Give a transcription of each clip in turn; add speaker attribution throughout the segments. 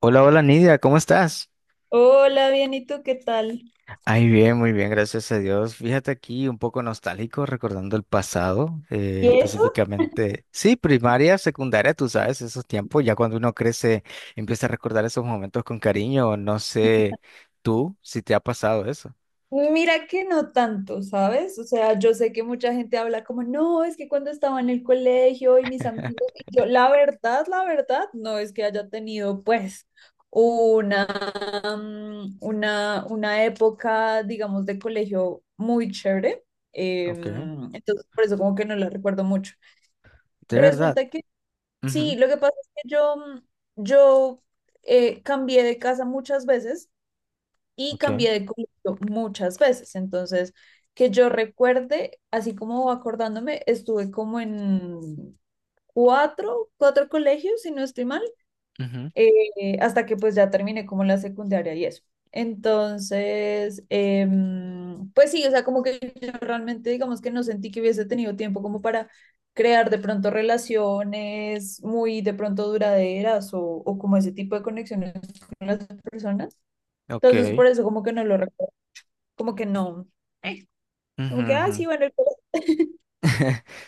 Speaker 1: Hola, hola Nidia, ¿cómo estás?
Speaker 2: Hola, bien, ¿y tú qué tal?
Speaker 1: Ay, bien, muy bien, gracias a Dios. Fíjate aquí un poco nostálgico recordando el pasado,
Speaker 2: ¿Y eso?
Speaker 1: específicamente, sí, primaria, secundaria, tú sabes, esos tiempos, ya cuando uno crece, empieza a recordar esos momentos con cariño, no sé tú si te ha pasado eso.
Speaker 2: Mira que no tanto, ¿sabes? O sea, yo sé que mucha gente habla como, no, es que cuando estaba en el colegio y mis amigos, y yo, la verdad, no es que haya tenido pues una, una época, digamos, de colegio muy chévere.
Speaker 1: Ok, de
Speaker 2: Entonces, por eso como que no la recuerdo mucho.
Speaker 1: verdad.
Speaker 2: Resulta que sí,
Speaker 1: Ujú.
Speaker 2: lo que pasa es que yo, yo cambié de casa muchas veces. Y
Speaker 1: Ok,
Speaker 2: cambié de colegio muchas veces. Entonces, que yo recuerde, así como acordándome, estuve como en cuatro colegios, si no estoy mal,
Speaker 1: ujú,
Speaker 2: hasta que pues ya terminé como la secundaria y eso. Entonces, pues sí, o sea, como que yo realmente digamos que no sentí que hubiese tenido tiempo como para crear de pronto relaciones muy de pronto duraderas o como ese tipo de conexiones con las personas. Entonces,
Speaker 1: ok,
Speaker 2: por eso como que no lo recuerdo como que no. ¿eh?
Speaker 1: ujú,
Speaker 2: Como que, ah, sí,
Speaker 1: ujú.
Speaker 2: bueno, el pelo.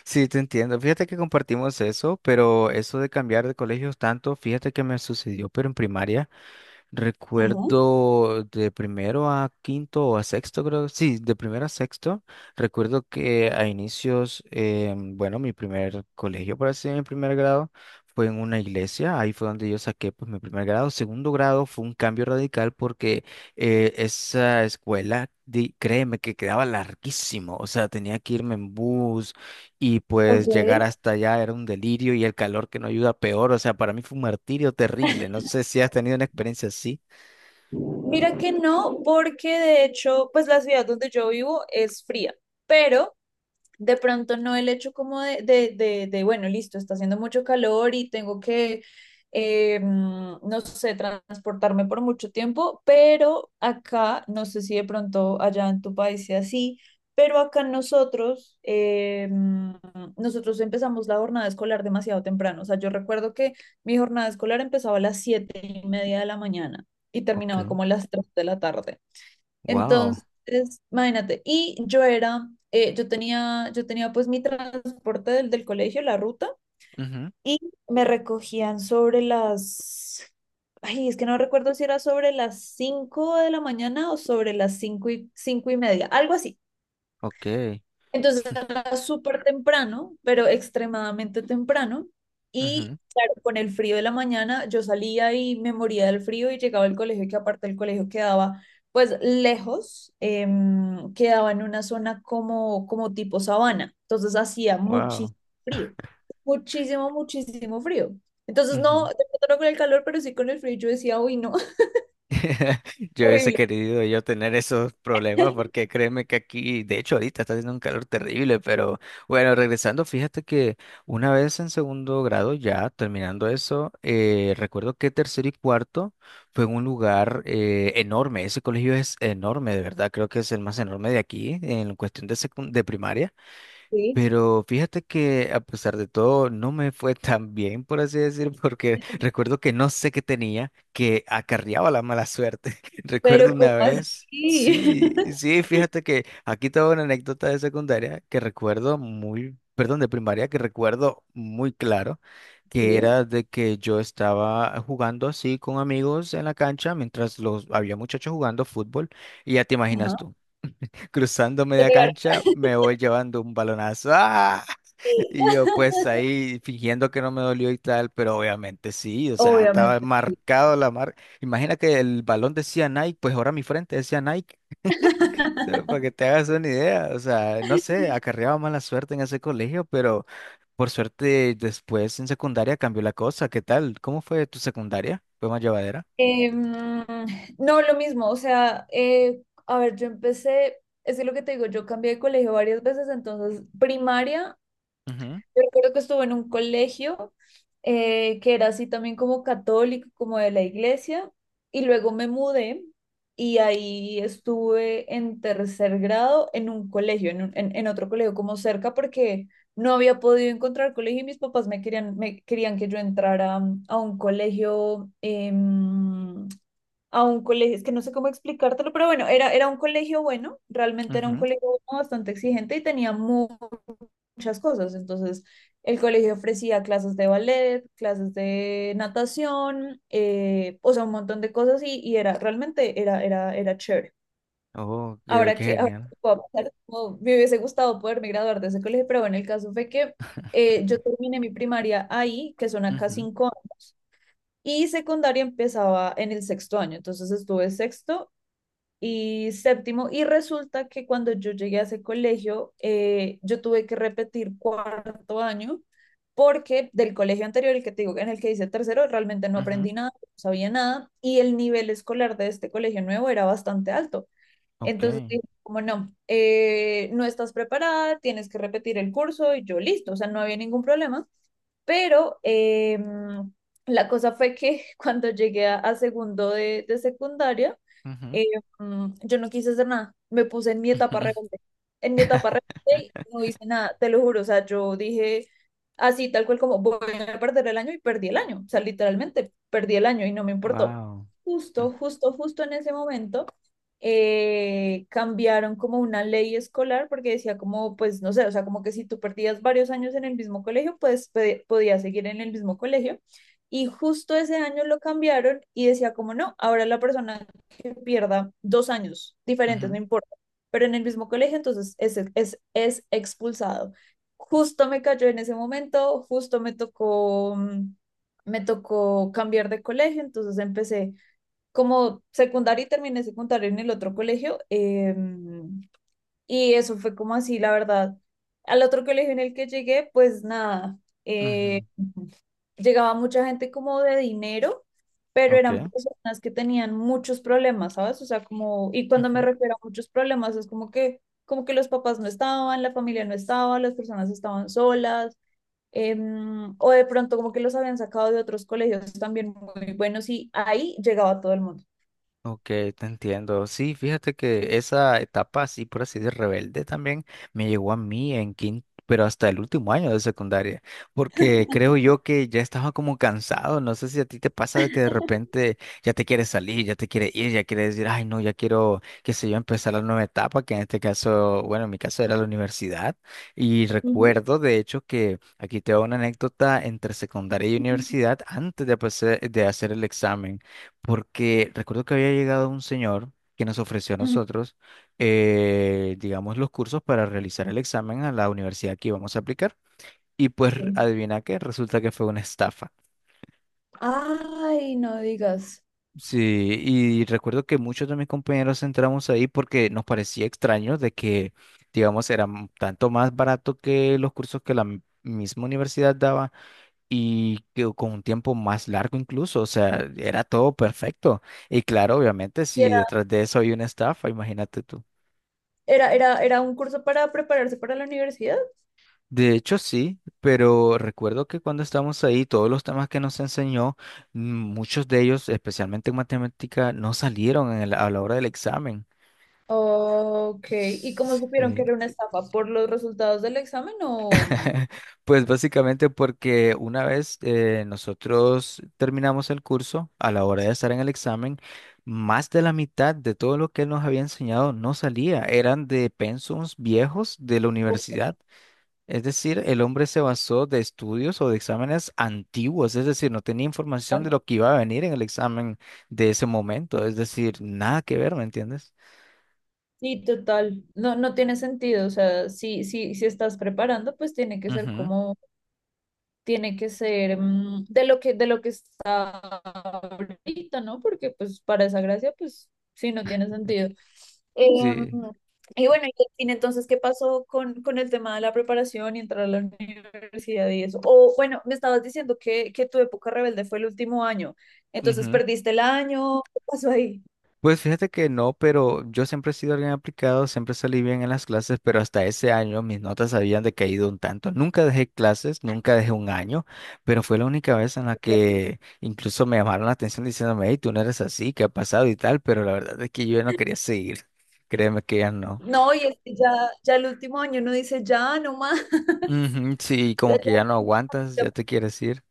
Speaker 1: Sí, te entiendo. Fíjate que compartimos eso, pero eso de cambiar de colegios tanto, fíjate que me sucedió, pero en primaria.
Speaker 2: Ujú.
Speaker 1: Recuerdo de primero a quinto o a sexto, creo. Sí, de primero a sexto. Recuerdo que a inicios, bueno, mi primer colegio, por así decirlo, mi primer grado, fue en una iglesia. Ahí fue donde yo saqué pues, mi primer grado. Segundo grado fue un cambio radical porque esa escuela, créeme que quedaba larguísimo. O sea, tenía que irme en bus y pues llegar
Speaker 2: Ok.
Speaker 1: hasta allá era un delirio y el calor que no ayuda peor. O sea, para mí fue un martirio terrible. No sé si has tenido una experiencia así.
Speaker 2: Mira que no, porque de hecho, pues la ciudad donde yo vivo es fría, pero de pronto no el hecho como de, bueno, listo, está haciendo mucho calor y tengo que, no sé, transportarme por mucho tiempo, pero acá, no sé si de pronto allá en tu país sea así, pero acá nosotros, nosotros empezamos la jornada escolar demasiado temprano. O sea, yo recuerdo que mi jornada escolar empezaba a las siete y media de la mañana y terminaba
Speaker 1: Ok.
Speaker 2: como a las tres de la tarde.
Speaker 1: Wow.
Speaker 2: Entonces, imagínate, y yo era, yo tenía pues mi transporte del colegio, la ruta,
Speaker 1: Ujú.
Speaker 2: y me recogían sobre las, ay, es que no recuerdo si era sobre las 5 de la mañana o sobre las cinco y media, algo así.
Speaker 1: Ok,
Speaker 2: Entonces era súper temprano, pero extremadamente temprano. Y
Speaker 1: ujú.
Speaker 2: claro, con el frío de la mañana yo salía y me moría del frío y llegaba al colegio, que aparte el colegio quedaba pues lejos, quedaba en una zona como, como tipo sabana. Entonces hacía
Speaker 1: Wow.
Speaker 2: muchísimo frío, muchísimo frío. Entonces no,
Speaker 1: Ujú.
Speaker 2: de pronto no con el calor, pero sí con el frío. Yo decía, uy, no,
Speaker 1: Yo hubiese
Speaker 2: horrible.
Speaker 1: querido yo tener esos problemas porque créeme que aquí, de hecho ahorita está haciendo un calor terrible, pero bueno, regresando, fíjate que una vez en segundo grado, ya terminando eso, recuerdo que tercero y cuarto fue en un lugar enorme, ese colegio es enorme, de verdad, creo que es el más enorme de aquí en cuestión de, de primaria.
Speaker 2: Sí,
Speaker 1: Pero fíjate que a pesar de todo no me fue tan bien, por así decir, porque recuerdo que no sé qué tenía, que acarreaba la mala suerte. Recuerdo
Speaker 2: pero
Speaker 1: una
Speaker 2: ¿cómo
Speaker 1: vez,
Speaker 2: así?
Speaker 1: fíjate que aquí tengo una anécdota de secundaria que recuerdo muy, perdón, de primaria que recuerdo muy claro, que
Speaker 2: Sí,
Speaker 1: era de que yo estaba jugando así con amigos en la cancha mientras los había muchachos jugando fútbol y ya te imaginas
Speaker 2: ajá.
Speaker 1: tú cruzando
Speaker 2: Te
Speaker 1: media
Speaker 2: pegaron.
Speaker 1: cancha, me voy llevando un balonazo. ¡Ah! Y yo pues ahí fingiendo que no me dolió y tal, pero obviamente sí, o sea, estaba
Speaker 2: Obviamente, sí.
Speaker 1: marcado la marca. Imagina que el balón decía Nike, pues ahora mi frente decía Nike, o sea, para que te hagas una idea. O sea, no sé, acarreaba mala suerte en ese colegio, pero por suerte después en secundaria cambió la cosa. ¿Qué tal? ¿Cómo fue tu secundaria? ¿Fue más llevadera?
Speaker 2: Eh, mm, no, lo mismo, o sea, a ver, yo empecé, es que lo que te digo, yo cambié de colegio varias veces, entonces primaria.
Speaker 1: Ujú,
Speaker 2: Yo recuerdo que estuve en un colegio que era así también como católico, como de la iglesia, y luego me mudé y ahí estuve en tercer grado en un colegio, en, en otro colegio como cerca, porque no había podido encontrar colegio y mis papás me querían que yo entrara a un colegio, eh, a un colegio, es que no sé cómo explicártelo, pero bueno, era un colegio bueno, realmente era un
Speaker 1: ujú.
Speaker 2: colegio bueno, bastante exigente y tenía muchas cosas. Entonces, el colegio ofrecía clases de ballet, clases de natación, o sea, un montón de cosas y era, era chévere.
Speaker 1: Oh, qué,
Speaker 2: Ahora
Speaker 1: qué
Speaker 2: que, ahora
Speaker 1: genial.
Speaker 2: que puedo pensar, como me hubiese gustado poderme graduar de ese colegio, pero bueno, el caso fue que yo terminé mi primaria ahí, que son acá
Speaker 1: Ujú,
Speaker 2: cinco años. Y secundaria empezaba en el sexto año, entonces estuve sexto y séptimo. Y resulta que cuando yo llegué a ese colegio, yo tuve que repetir cuarto año porque del colegio anterior, el que te digo, en el que hice tercero, realmente no
Speaker 1: ujú.
Speaker 2: aprendí nada, no sabía nada, y el nivel escolar de este colegio nuevo era bastante alto.
Speaker 1: Ok.
Speaker 2: Entonces dije, como no, no estás preparada, tienes que repetir el curso, y yo listo, o sea, no había ningún problema. Pero la cosa fue que cuando llegué a segundo de secundaria,
Speaker 1: Ujú.
Speaker 2: eh, yo no quise hacer nada. Me puse en mi etapa rebelde. En mi etapa rebelde y no hice nada, te lo juro. O sea, yo dije así, tal cual como voy a perder el año y perdí el año. O sea, literalmente perdí el año y no me importó.
Speaker 1: Wow.
Speaker 2: Justo en ese momento cambiaron como una ley escolar porque decía como, pues no sé, o sea, como que si tú perdías varios años en el mismo colegio, pues podías seguir en el mismo colegio. Y justo ese año lo cambiaron y decía como, no, ahora la persona que pierda dos años diferentes, no importa, pero en el mismo colegio, entonces es expulsado. Justo me cayó en ese momento, justo me tocó, me tocó cambiar de colegio, entonces empecé como secundaria y terminé secundaria en el otro colegio. Y eso fue como así, la verdad. Al otro colegio en el que llegué, pues nada, eh, llegaba mucha gente como de dinero, pero eran personas que tenían muchos problemas, ¿sabes? O sea, como, y cuando me
Speaker 1: Ok.
Speaker 2: refiero a muchos problemas, es como que los papás no estaban, la familia no estaba, las personas estaban solas, o de pronto como que los habían sacado de otros colegios también muy buenos y ahí llegaba todo el mundo.
Speaker 1: Ok, te entiendo. Sí, fíjate que esa etapa así, por así de rebelde también me llegó a mí en quinto, pero hasta el último año de secundaria, porque creo yo que ya estaba como cansado. No sé si a ti te pasa de que de repente ya te quieres salir, ya te quieres ir, ya quieres decir, ay, no, ya quiero, qué sé yo, empezar la nueva etapa, que en este caso, bueno, en mi caso era la universidad. Y
Speaker 2: Ujú,
Speaker 1: recuerdo, de hecho, que aquí te hago una anécdota entre secundaria y
Speaker 2: ujú,
Speaker 1: universidad antes de, de hacer el examen porque recuerdo que había llegado un señor que nos ofreció a
Speaker 2: ujú,
Speaker 1: nosotros, digamos, los cursos para realizar el examen a la universidad que íbamos a aplicar. Y pues
Speaker 2: sí.
Speaker 1: adivina qué, resulta que fue una estafa.
Speaker 2: Ay, no digas.
Speaker 1: Sí, y recuerdo que muchos de mis compañeros entramos ahí porque nos parecía extraño de que, digamos, era tanto más barato que los cursos que la misma universidad daba y que con un tiempo más largo incluso, o sea, era todo perfecto. Y claro, obviamente,
Speaker 2: Y
Speaker 1: si
Speaker 2: era-
Speaker 1: detrás de eso hay una estafa, imagínate tú.
Speaker 2: Era un curso para prepararse para la universidad?
Speaker 1: De hecho, sí, pero recuerdo que cuando estábamos ahí, todos los temas que nos enseñó, muchos de ellos, especialmente en matemática, no salieron en a la hora del examen.
Speaker 2: Ok. ¿Y cómo supieron que
Speaker 1: Sí.
Speaker 2: era una estafa? ¿Por los resultados del examen o...?
Speaker 1: Pues básicamente porque una vez nosotros terminamos el curso, a la hora de estar en el examen, más de la mitad de todo lo que él nos había enseñado no salía, eran de pensums viejos de la
Speaker 2: ¿O- por
Speaker 1: universidad. Es decir, el hombre se basó de estudios o de exámenes antiguos, es decir, no tenía información de
Speaker 2: algo?
Speaker 1: lo que iba a venir en el examen de ese momento, es decir, nada que ver, ¿me entiendes?
Speaker 2: Sí, total. No, no tiene sentido. O sea, si estás preparando, pues tiene que ser
Speaker 1: Ujú.
Speaker 2: como... tiene que ser de lo que está ahorita, ¿no? Porque pues para esa gracia, pues sí, no tiene sentido. Em,
Speaker 1: Sí.
Speaker 2: y bueno, y al fin, entonces, ¿qué pasó con el tema de la preparación y entrar a la universidad y eso? O bueno, me estabas diciendo que tu época rebelde fue el último año, entonces
Speaker 1: Ujú.
Speaker 2: perdiste el año, ¿qué pasó ahí?
Speaker 1: Pues fíjate que no, pero yo siempre he sido alguien aplicado, siempre salí bien en las clases, pero hasta ese año mis notas habían decaído un tanto. Nunca dejé clases, nunca dejé un año, pero fue la única vez en la
Speaker 2: Ok.
Speaker 1: que incluso me llamaron la atención diciéndome, hey, tú no eres así, ¿qué ha pasado y tal? Pero la verdad es que yo ya no quería seguir. Créeme que ya no.
Speaker 2: No, y es que ya, ya el último año no dice ya, no más.
Speaker 1: Ujú, sí,
Speaker 2: O sea,
Speaker 1: como que ya no aguantas,
Speaker 2: ya-
Speaker 1: ya te quieres ir.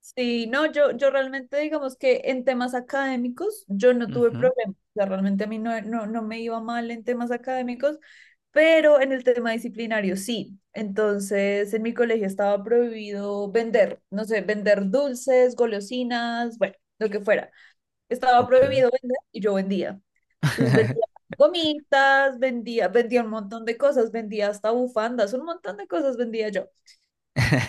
Speaker 2: sí, no, yo realmente digamos que en temas académicos yo no tuve
Speaker 1: Ujú.
Speaker 2: problemas, o sea, realmente a mí no me iba mal en temas académicos, pero en el tema disciplinario sí. Entonces, en mi colegio estaba prohibido vender, no sé, vender dulces, golosinas, bueno, lo que fuera. Estaba
Speaker 1: Ok.
Speaker 2: prohibido vender y yo vendía. Entonces vendía gomitas, vendía un montón de cosas, vendía hasta bufandas, un montón de cosas vendía yo.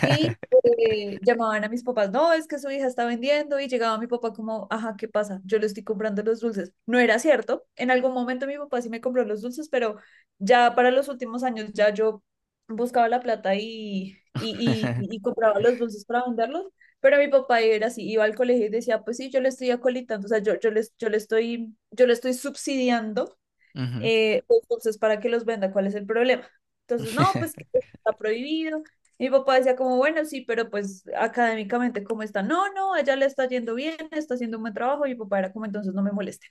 Speaker 2: Y llamaban a mis papás, no, es que su hija está vendiendo y llegaba mi papá como, ajá, ¿qué pasa? Yo le estoy comprando los dulces. No era cierto. En algún momento mi papá sí me compró los dulces, pero ya para los últimos años ya yo buscaba la plata y, y compraba los dulces para venderlos. Pero mi papá era así, iba al colegio y decía, pues sí, yo le estoy acolitando, o sea, yo le estoy subsidiando
Speaker 1: Ujú.
Speaker 2: pues, entonces, ¿para que los venda? ¿Cuál es el problema? Entonces, no, pues que está prohibido. Mi papá decía como, bueno, sí, pero pues académicamente, ¿cómo está? No, no, ella le está yendo bien, está haciendo un buen trabajo. Y mi papá era como, entonces no me molesten.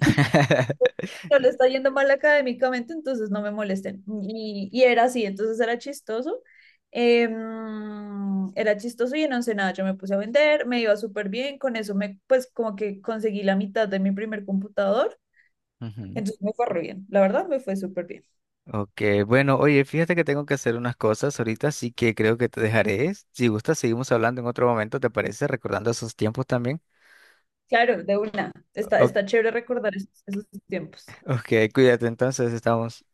Speaker 2: No le está yendo mal académicamente, entonces no me molesten. Y era así, entonces era chistoso. Era chistoso y en Ensenada yo me puse a vender, me iba súper bien, con eso me, pues como que conseguí la mitad de mi primer computador,
Speaker 1: Ujú.
Speaker 2: entonces me fue re bien, la verdad me fue súper bien.
Speaker 1: Ok, bueno, oye, fíjate que tengo que hacer unas cosas ahorita, así que creo que te dejaré. Si gustas, seguimos hablando en otro momento, ¿te parece? Recordando esos tiempos también.
Speaker 2: Claro, de una. Está,
Speaker 1: O-
Speaker 2: está chévere recordar esos, esos tiempos.
Speaker 1: ok, cuídate, entonces estamos.